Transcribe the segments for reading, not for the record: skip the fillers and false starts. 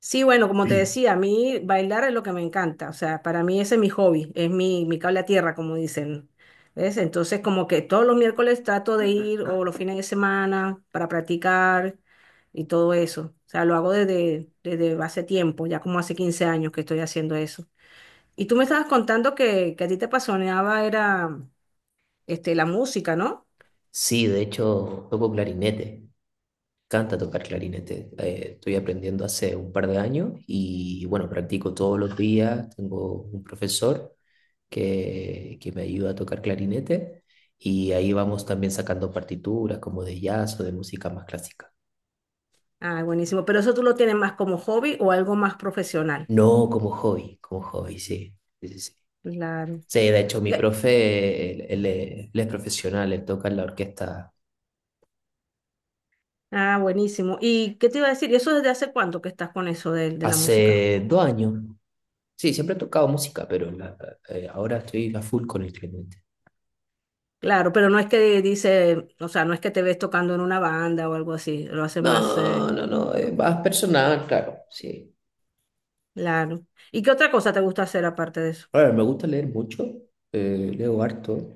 Sí, bueno, como te decía, a mí bailar es lo que me encanta, o sea, para mí ese es mi hobby, es mi cable a tierra, como dicen. ¿Ves? Entonces, como que todos los miércoles trato de ir o los fines de semana para practicar y todo eso. O sea, lo hago desde hace tiempo, ya como hace 15 años que estoy haciendo eso. Y tú me estabas contando que a ti te apasionaba era la música, ¿no? Sí, de hecho toco clarinete, canta tocar clarinete. Estoy aprendiendo hace un par de años y bueno, practico todos los días. Tengo un profesor que me ayuda a tocar clarinete y ahí vamos también sacando partituras como de jazz o de música más clásica. Ah, buenísimo. Pero eso tú lo tienes más como hobby o algo más profesional. No, como hobby, como hobby, sí. Sí, sí, sí. Claro. Sí, de hecho mi Y- profe, él es profesional, él toca en la orquesta Ah, buenísimo. ¿Y qué te iba a decir? ¿Y eso desde hace cuánto que estás con eso de la música? hace 2 años. Sí, siempre he tocado música, ahora estoy a full con el clemente. Claro, pero no es que dice, o sea, no es que te ves tocando en una banda o algo así, lo haces No, más no, no, más personal, claro, sí. claro. ¿Y qué otra cosa te gusta hacer aparte de eso? Ahora, me gusta leer mucho, leo harto.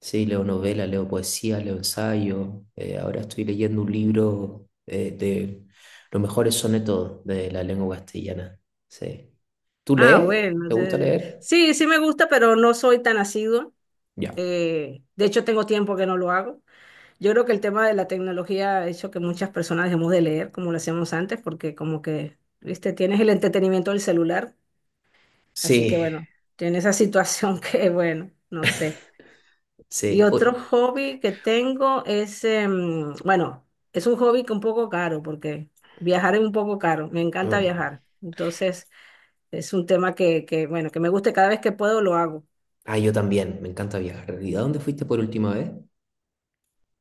Sí, leo novela, leo poesía, leo ensayo. Ahora estoy leyendo un libro de los mejores sonetos de la lengua castellana. Sí. ¿Tú Ah, lees? bueno, ¿Te sí, gusta leer? sí me gusta, pero no soy tan asidua. Ya. De hecho, tengo tiempo que no lo hago. Yo creo que el tema de la tecnología ha hecho que muchas personas dejemos de leer como lo hacíamos antes, porque como que, viste, tienes el entretenimiento del celular. Así que Sí, bueno, tiene esa situación que bueno, no sé. Y sí. Uy, otro hobby que tengo es, bueno, es un hobby que un poco caro porque viajar es un poco caro. Me encanta mm. viajar. Entonces es un tema que bueno, que me gusta y cada vez que puedo lo hago. Ah, yo también, me encanta viajar. ¿Y a dónde fuiste por última vez?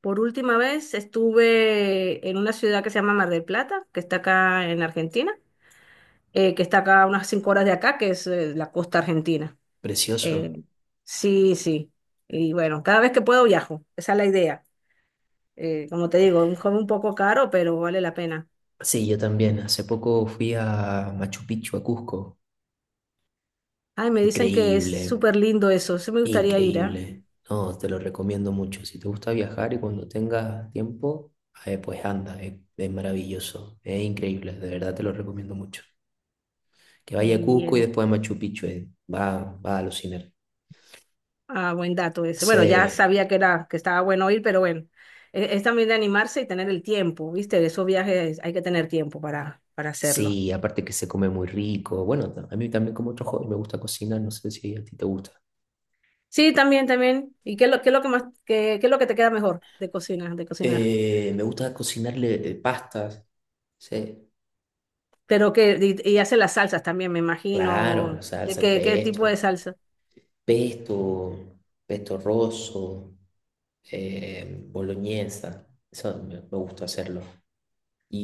Por última vez estuve en una ciudad que se llama Mar del Plata, que está acá en Argentina, que está acá a unas 5 horas de acá, que es la costa argentina. Precioso. Eh, sí, sí. Y bueno, cada vez que puedo viajo. Esa es la idea. Como te digo, un hobby un poco caro, pero vale la pena. Sí, yo también. Hace poco fui a Machu Picchu, a Cusco. Ay, me dicen que es Increíble, súper lindo eso. Sí me gustaría ir, ¿ah? increíble. No, te lo recomiendo mucho. Si te gusta viajar y cuando tengas tiempo, pues anda, es maravilloso, es increíble, de verdad te lo recomiendo mucho. Que vaya a Muy Cusco y bien. después a Machu Picchu, va a alucinar. Ah, buen dato ese. Bueno, ya Sí, sabía que era, que estaba bueno ir, pero bueno. Es también de animarse y tener el tiempo, ¿viste? De esos viajes hay que tener tiempo para hacerlo. sí, aparte que se come muy rico. Bueno, a mí también como otro joven me gusta cocinar, no sé si a ti te gusta. Sí, también, también. ¿Y qué es qué es lo que más, qué es lo que te queda mejor de cocinar, de cocinar? Me gusta cocinarle pastas, sí. Pero que, y hace las salsas también, me Claro, imagino. ¿De salsa, qué, qué tipo de pesto, salsa? pesto, pesto rosso, boloñesa. Eso me gusta hacerlo.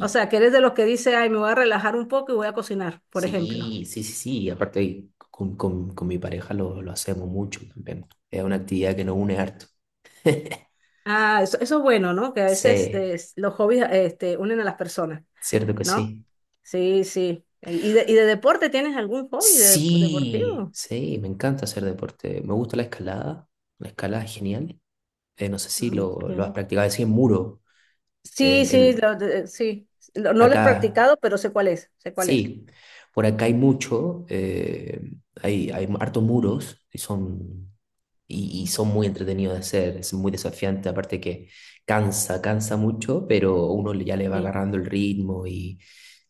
O sea, que eres de los que dice, ay, me voy a relajar un poco y voy a cocinar, por ejemplo. sí, sí, sí, sí. Aparte, con mi pareja lo hacemos mucho también. Es una actividad que nos une harto. Ah, eso es bueno, ¿no? Que a veces Sí, los hobbies unen a las personas, cierto que ¿no? sí. Sí, sí. ¿Y y de deporte tienes algún hobby de, pues, Sí, deportivo? sí, me encanta hacer deporte. Me gusta la escalada. La escalada es genial. No sé si lo has Ok. practicado. Así en muro. En Sí, sí, el, lo de- sí. Lo- no lo he acá. practicado, pero sé cuál es, sé cuál es. Sí, por acá hay mucho, hay harto muros y son muy entretenidos de hacer, es muy desafiante, aparte que cansa mucho, pero ya le va Mm. agarrando el ritmo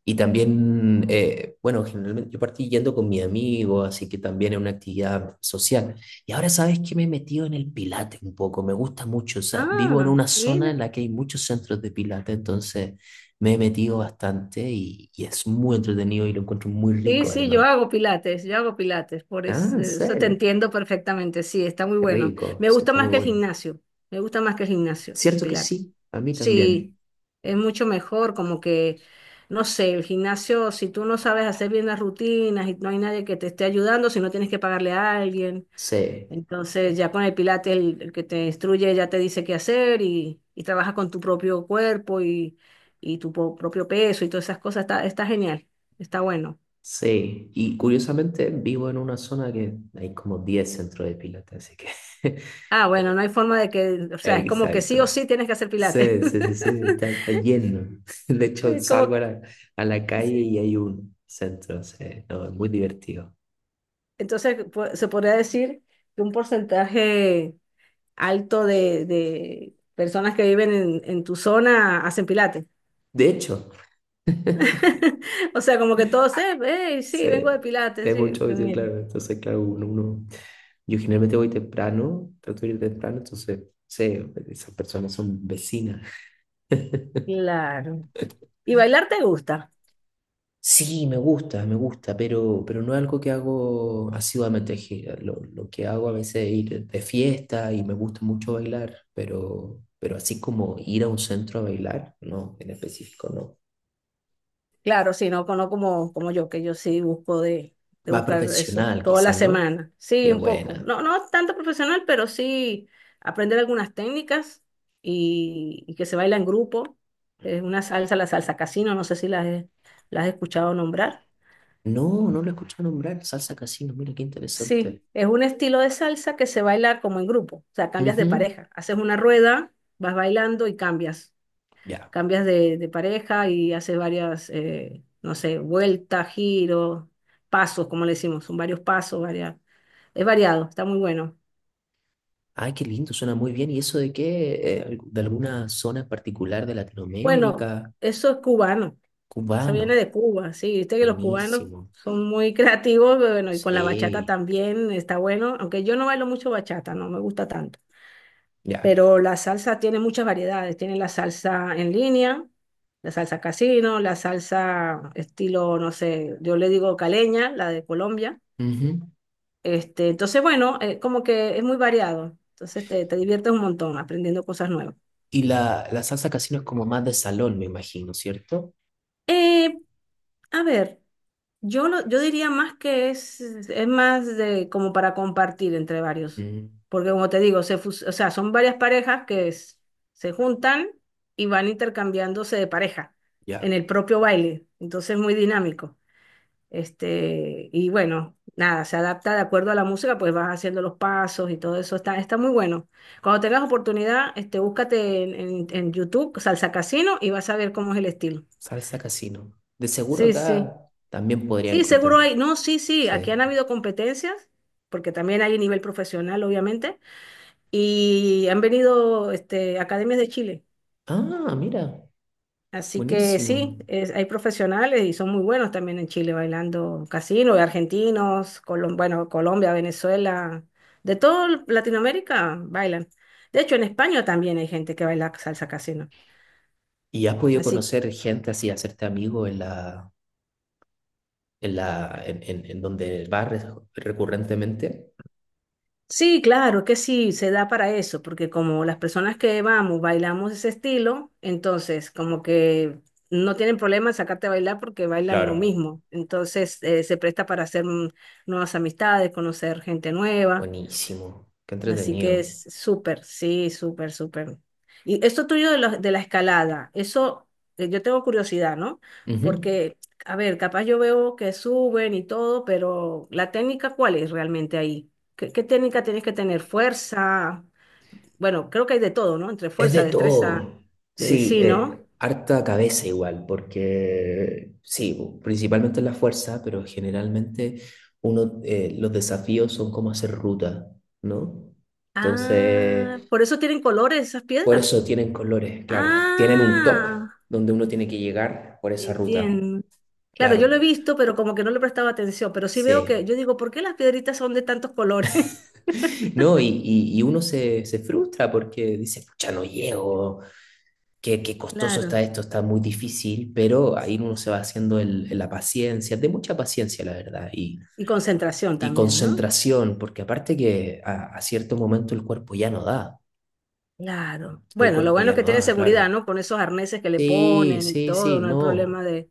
y también, bueno, generalmente yo partí yendo con mi amigo, así que también es una actividad social. Y ahora sabes que me he metido en el Pilates un poco, me gusta mucho, o sea, vivo en Ah, una zona mira. en la que hay muchos centros de Pilates, entonces me he metido bastante y es muy entretenido y lo encuentro muy Sí, rico sí, además. Yo hago pilates, por Ah, es- ¿en eso, te serio? entiendo perfectamente, sí, está muy Qué bueno. rico, Me sí, gusta está más muy que el bueno. gimnasio, me gusta más que el gimnasio, el Cierto que pilates. sí, a mí Sí, también. es mucho mejor, como que, no sé, el gimnasio, si tú no sabes hacer bien las rutinas y no hay nadie que te esté ayudando, si no tienes que pagarle a alguien, Sí, entonces ya con el pilates el que te instruye ya te dice qué hacer y trabajas con tu propio cuerpo y tu po- propio peso y todas esas cosas, está, está genial, está bueno. sí. Y curiosamente vivo en una zona que hay como 10 centros de pilates, así que... Ah, bueno, no hay forma de que, o sea, es como que sí o Exacto. sí tienes que hacer pilates. Sí, sí, sí, sí, está, está lleno. De hecho, Es como, salgo a que- a la calle sí. y hay un centro, sí. No, es muy divertido. Entonces, po- se podría decir que un porcentaje alto de personas que viven en tu zona hacen pilates. De hecho, O sea, como que todos, "Ey, sí, sí, vengo de pilates, sí, sí. mucho, sí, Mira, claro. Entonces, claro, yo generalmente voy temprano, trato de ir temprano, entonces, sí, esas personas son vecinas. claro. ¿Y bailar te gusta? Sí, me gusta, pero no es algo que hago asiduamente. Lo que hago a veces es ir de fiesta y me gusta mucho bailar, pero así como ir a un centro a bailar, no, en específico no. Claro, sí, no, no como, como yo, que yo sí busco de Más buscar eso profesional toda la quizás, ¿no? semana. Sí, Qué un poco. buena. No, no tanto profesional, pero sí aprender algunas técnicas y que se baila en grupo. Es una salsa, la salsa casino, no sé si las he, las he escuchado nombrar. No, no lo he escuchado nombrar, Salsa Casino, mira qué Sí, interesante. es un estilo de salsa que se baila como en grupo, o sea, cambias de Ujú, pareja. Haces una rueda, vas bailando y cambias. ya. Cambias de pareja y haces varias, no sé, vueltas, giros, pasos, como le decimos, son varios pasos, varias, es variado, está muy bueno. Ay, qué lindo, suena muy bien. ¿Y eso de qué? ¿De alguna zona en particular de Bueno, Latinoamérica? eso es cubano, eso Cubano. viene de Cuba, sí, viste que los cubanos Buenísimo. son muy creativos, pero bueno, y con la bachata Sí. también está bueno, aunque yo no bailo mucho bachata, no me gusta tanto, Ya. pero la salsa tiene muchas variedades, tiene la salsa en línea. La salsa casino, la salsa estilo, no sé, yo le digo caleña, la de Colombia. Ujú. Entonces, bueno, como que es muy variado. Entonces te diviertes un montón aprendiendo cosas nuevas. Y la salsa casino es como más de salón, me imagino, ¿cierto? Eh, a ver, yo, lo- yo diría más que es más de como para compartir entre varios. Mm, Porque como te digo, se fus- o sea, son varias parejas que es- se juntan y van intercambiándose de pareja ya. en el propio baile. Entonces es muy dinámico. Y bueno, nada, se adapta de acuerdo a la música, pues vas haciendo los pasos y todo eso. Está, está muy bueno. Cuando tengas oportunidad, búscate en YouTube Salsa Casino y vas a ver cómo es el estilo. Salsa casino. De seguro Sí, sí. acá también podría Sí, seguro encontrar. hay. No, sí, sí. Aquí Sí. han habido competencias, porque también hay nivel profesional, obviamente. Y han venido, academias de Chile. Ah, mira. Así que sí, Buenísimo. es- hay profesionales y son muy buenos también en Chile bailando casino, y argentinos, Colom- bueno, Colombia, Venezuela, de toda Latinoamérica bailan. De hecho, en España también hay gente que baila salsa casino. ¿Y has podido Así, conocer gente así, hacerte amigo en en donde vas recurrentemente? sí, claro que sí, se da para eso, porque como las personas que vamos bailamos ese estilo, entonces como que no tienen problema en sacarte a bailar porque bailan lo Claro. mismo. Entonces se presta para hacer nuevas amistades, conocer gente nueva. Buenísimo. Qué Así que entretenido. es súper, sí, súper, súper. Y esto tuyo de la escalada, eso yo tengo curiosidad, ¿no? Ujú. Porque, a ver, capaz yo veo que suben y todo, pero la técnica, ¿cuál es realmente ahí? ¿Qué, qué técnica tienes que tener? Fuerza. Bueno, creo que hay de todo, ¿no? Entre Es de fuerza, destreza, todo. Sí, sí, ¿no? Harta cabeza igual, porque sí, principalmente la fuerza, pero generalmente uno, los desafíos son como hacer ruta, ¿no? Ah, Entonces, por eso tienen colores esas por piedras. eso tienen colores, claro. Tienen un top Ah. donde uno tiene que llegar por esa ruta, Entiendo. Claro, yo claro. lo he visto, pero como que no le prestaba atención, pero sí veo que, yo Sí. digo, ¿por qué las piedritas son de tantos colores? No, y uno se frustra porque dice, pucha, no llego, qué costoso está Claro. esto, está muy difícil, pero ahí uno se va haciendo la paciencia, de mucha paciencia, la verdad, Y concentración y también, ¿no? concentración, porque aparte que a cierto momento el cuerpo ya no da, Claro. el Bueno, lo cuerpo bueno ya es que no tienen da, seguridad, claro. ¿no? Con esos arneses que le Sí, ponen y sí, todo, sí, no hay problema no. de...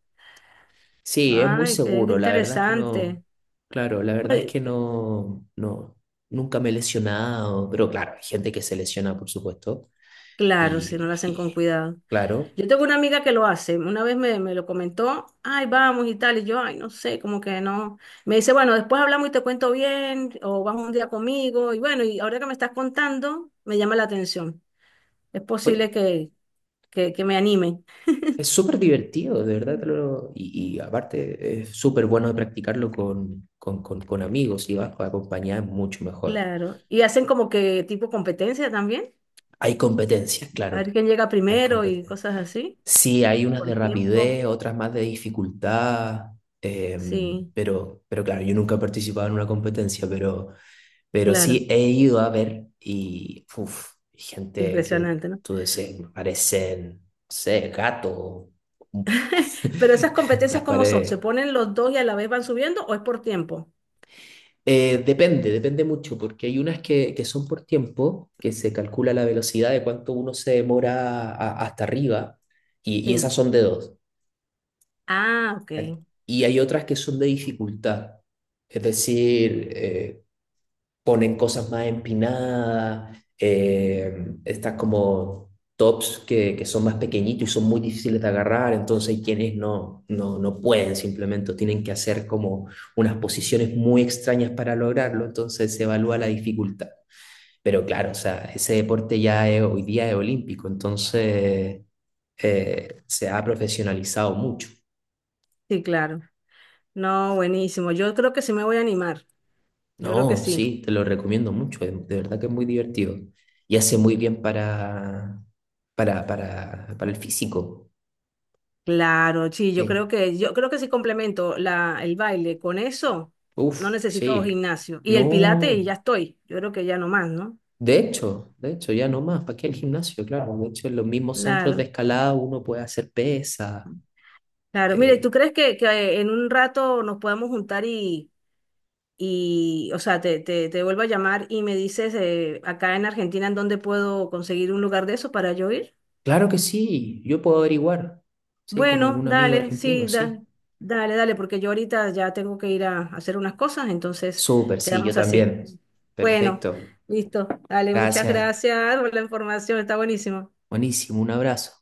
Sí, es muy Ay, qué, seguro, la verdad es que no. interesante. Claro, la verdad es Bueno, que no, no, nunca me he lesionado, pero claro, hay gente que se lesiona, por supuesto, claro, si no lo hacen y con cuidado. claro. Yo tengo una amiga que lo hace, una vez me lo comentó, ay, vamos y tal, y yo, ay, no sé, como que no. Me dice, bueno, después hablamos y te cuento bien, o vas un día conmigo, y bueno, y ahora que me estás contando, me llama la atención. Es posible Oye, que me anime. es súper divertido, de verdad. Y aparte, es súper bueno de practicarlo con amigos y vas acompañada, es mucho mejor. Claro. Y hacen como que tipo competencia también, Hay competencias, a ver claro. quién llega Hay primero y competencias. cosas así, Sí, hay unas de por tiempo. rapidez, otras más de dificultad. Sí, Pero claro, yo nunca he participado en una competencia, pero claro. sí he ido a ver y uf, gente que Impresionante, ¿no? tú decías, parecen, no sé, gato, Pero esas competencias, las ¿cómo son? ¿Se paredes. ponen los dos y a la vez van subiendo o es por tiempo? Depende, depende mucho, porque hay unas que son por tiempo, que se calcula la velocidad de cuánto uno se demora hasta arriba, y Sí. esas son de dos. Ah, ok. ¿ca- Y hay otras que son de dificultad, es decir, ponen cosas más empinadas, estas como tops que son más pequeñitos y son muy difíciles de agarrar, entonces hay quienes no, no, no pueden simplemente, tienen que hacer como unas posiciones muy extrañas para lograrlo, entonces se evalúa la dificultad. Pero claro, o sea, ese deporte hoy día es olímpico, entonces se ha profesionalizado mucho. Sí, claro. No, buenísimo. Yo creo que sí me voy a animar. Yo creo que No, sí. sí, te lo recomiendo mucho, de verdad que es muy divertido y hace muy bien para el físico. Claro, sí, eh. Yo creo que si complemento la, el baile con eso, no Uf, necesito sí. gimnasio. Y el pilate y No, ya estoy. Yo creo que ya no más, ¿no? De hecho, ya no más, ¿para qué el gimnasio? Claro, de hecho, en los mismos centros de Claro, escalada uno puede hacer pesa. claro. Mire, eh, ¿tú crees que en un rato nos podamos juntar y o sea, te vuelvo a llamar y me dices acá en Argentina en dónde puedo conseguir un lugar de eso para yo ir? claro que sí, yo puedo averiguar, sí, con Bueno, algún amigo dale, argentino, sí, da- sí. dale, dale, porque yo ahorita ya tengo que ir a hacer unas cosas, entonces Súper, sí, yo quedamos así. también. Bueno, Perfecto, listo, dale, muchas gracias, gracias por la información, está buenísimo. buenísimo, un abrazo.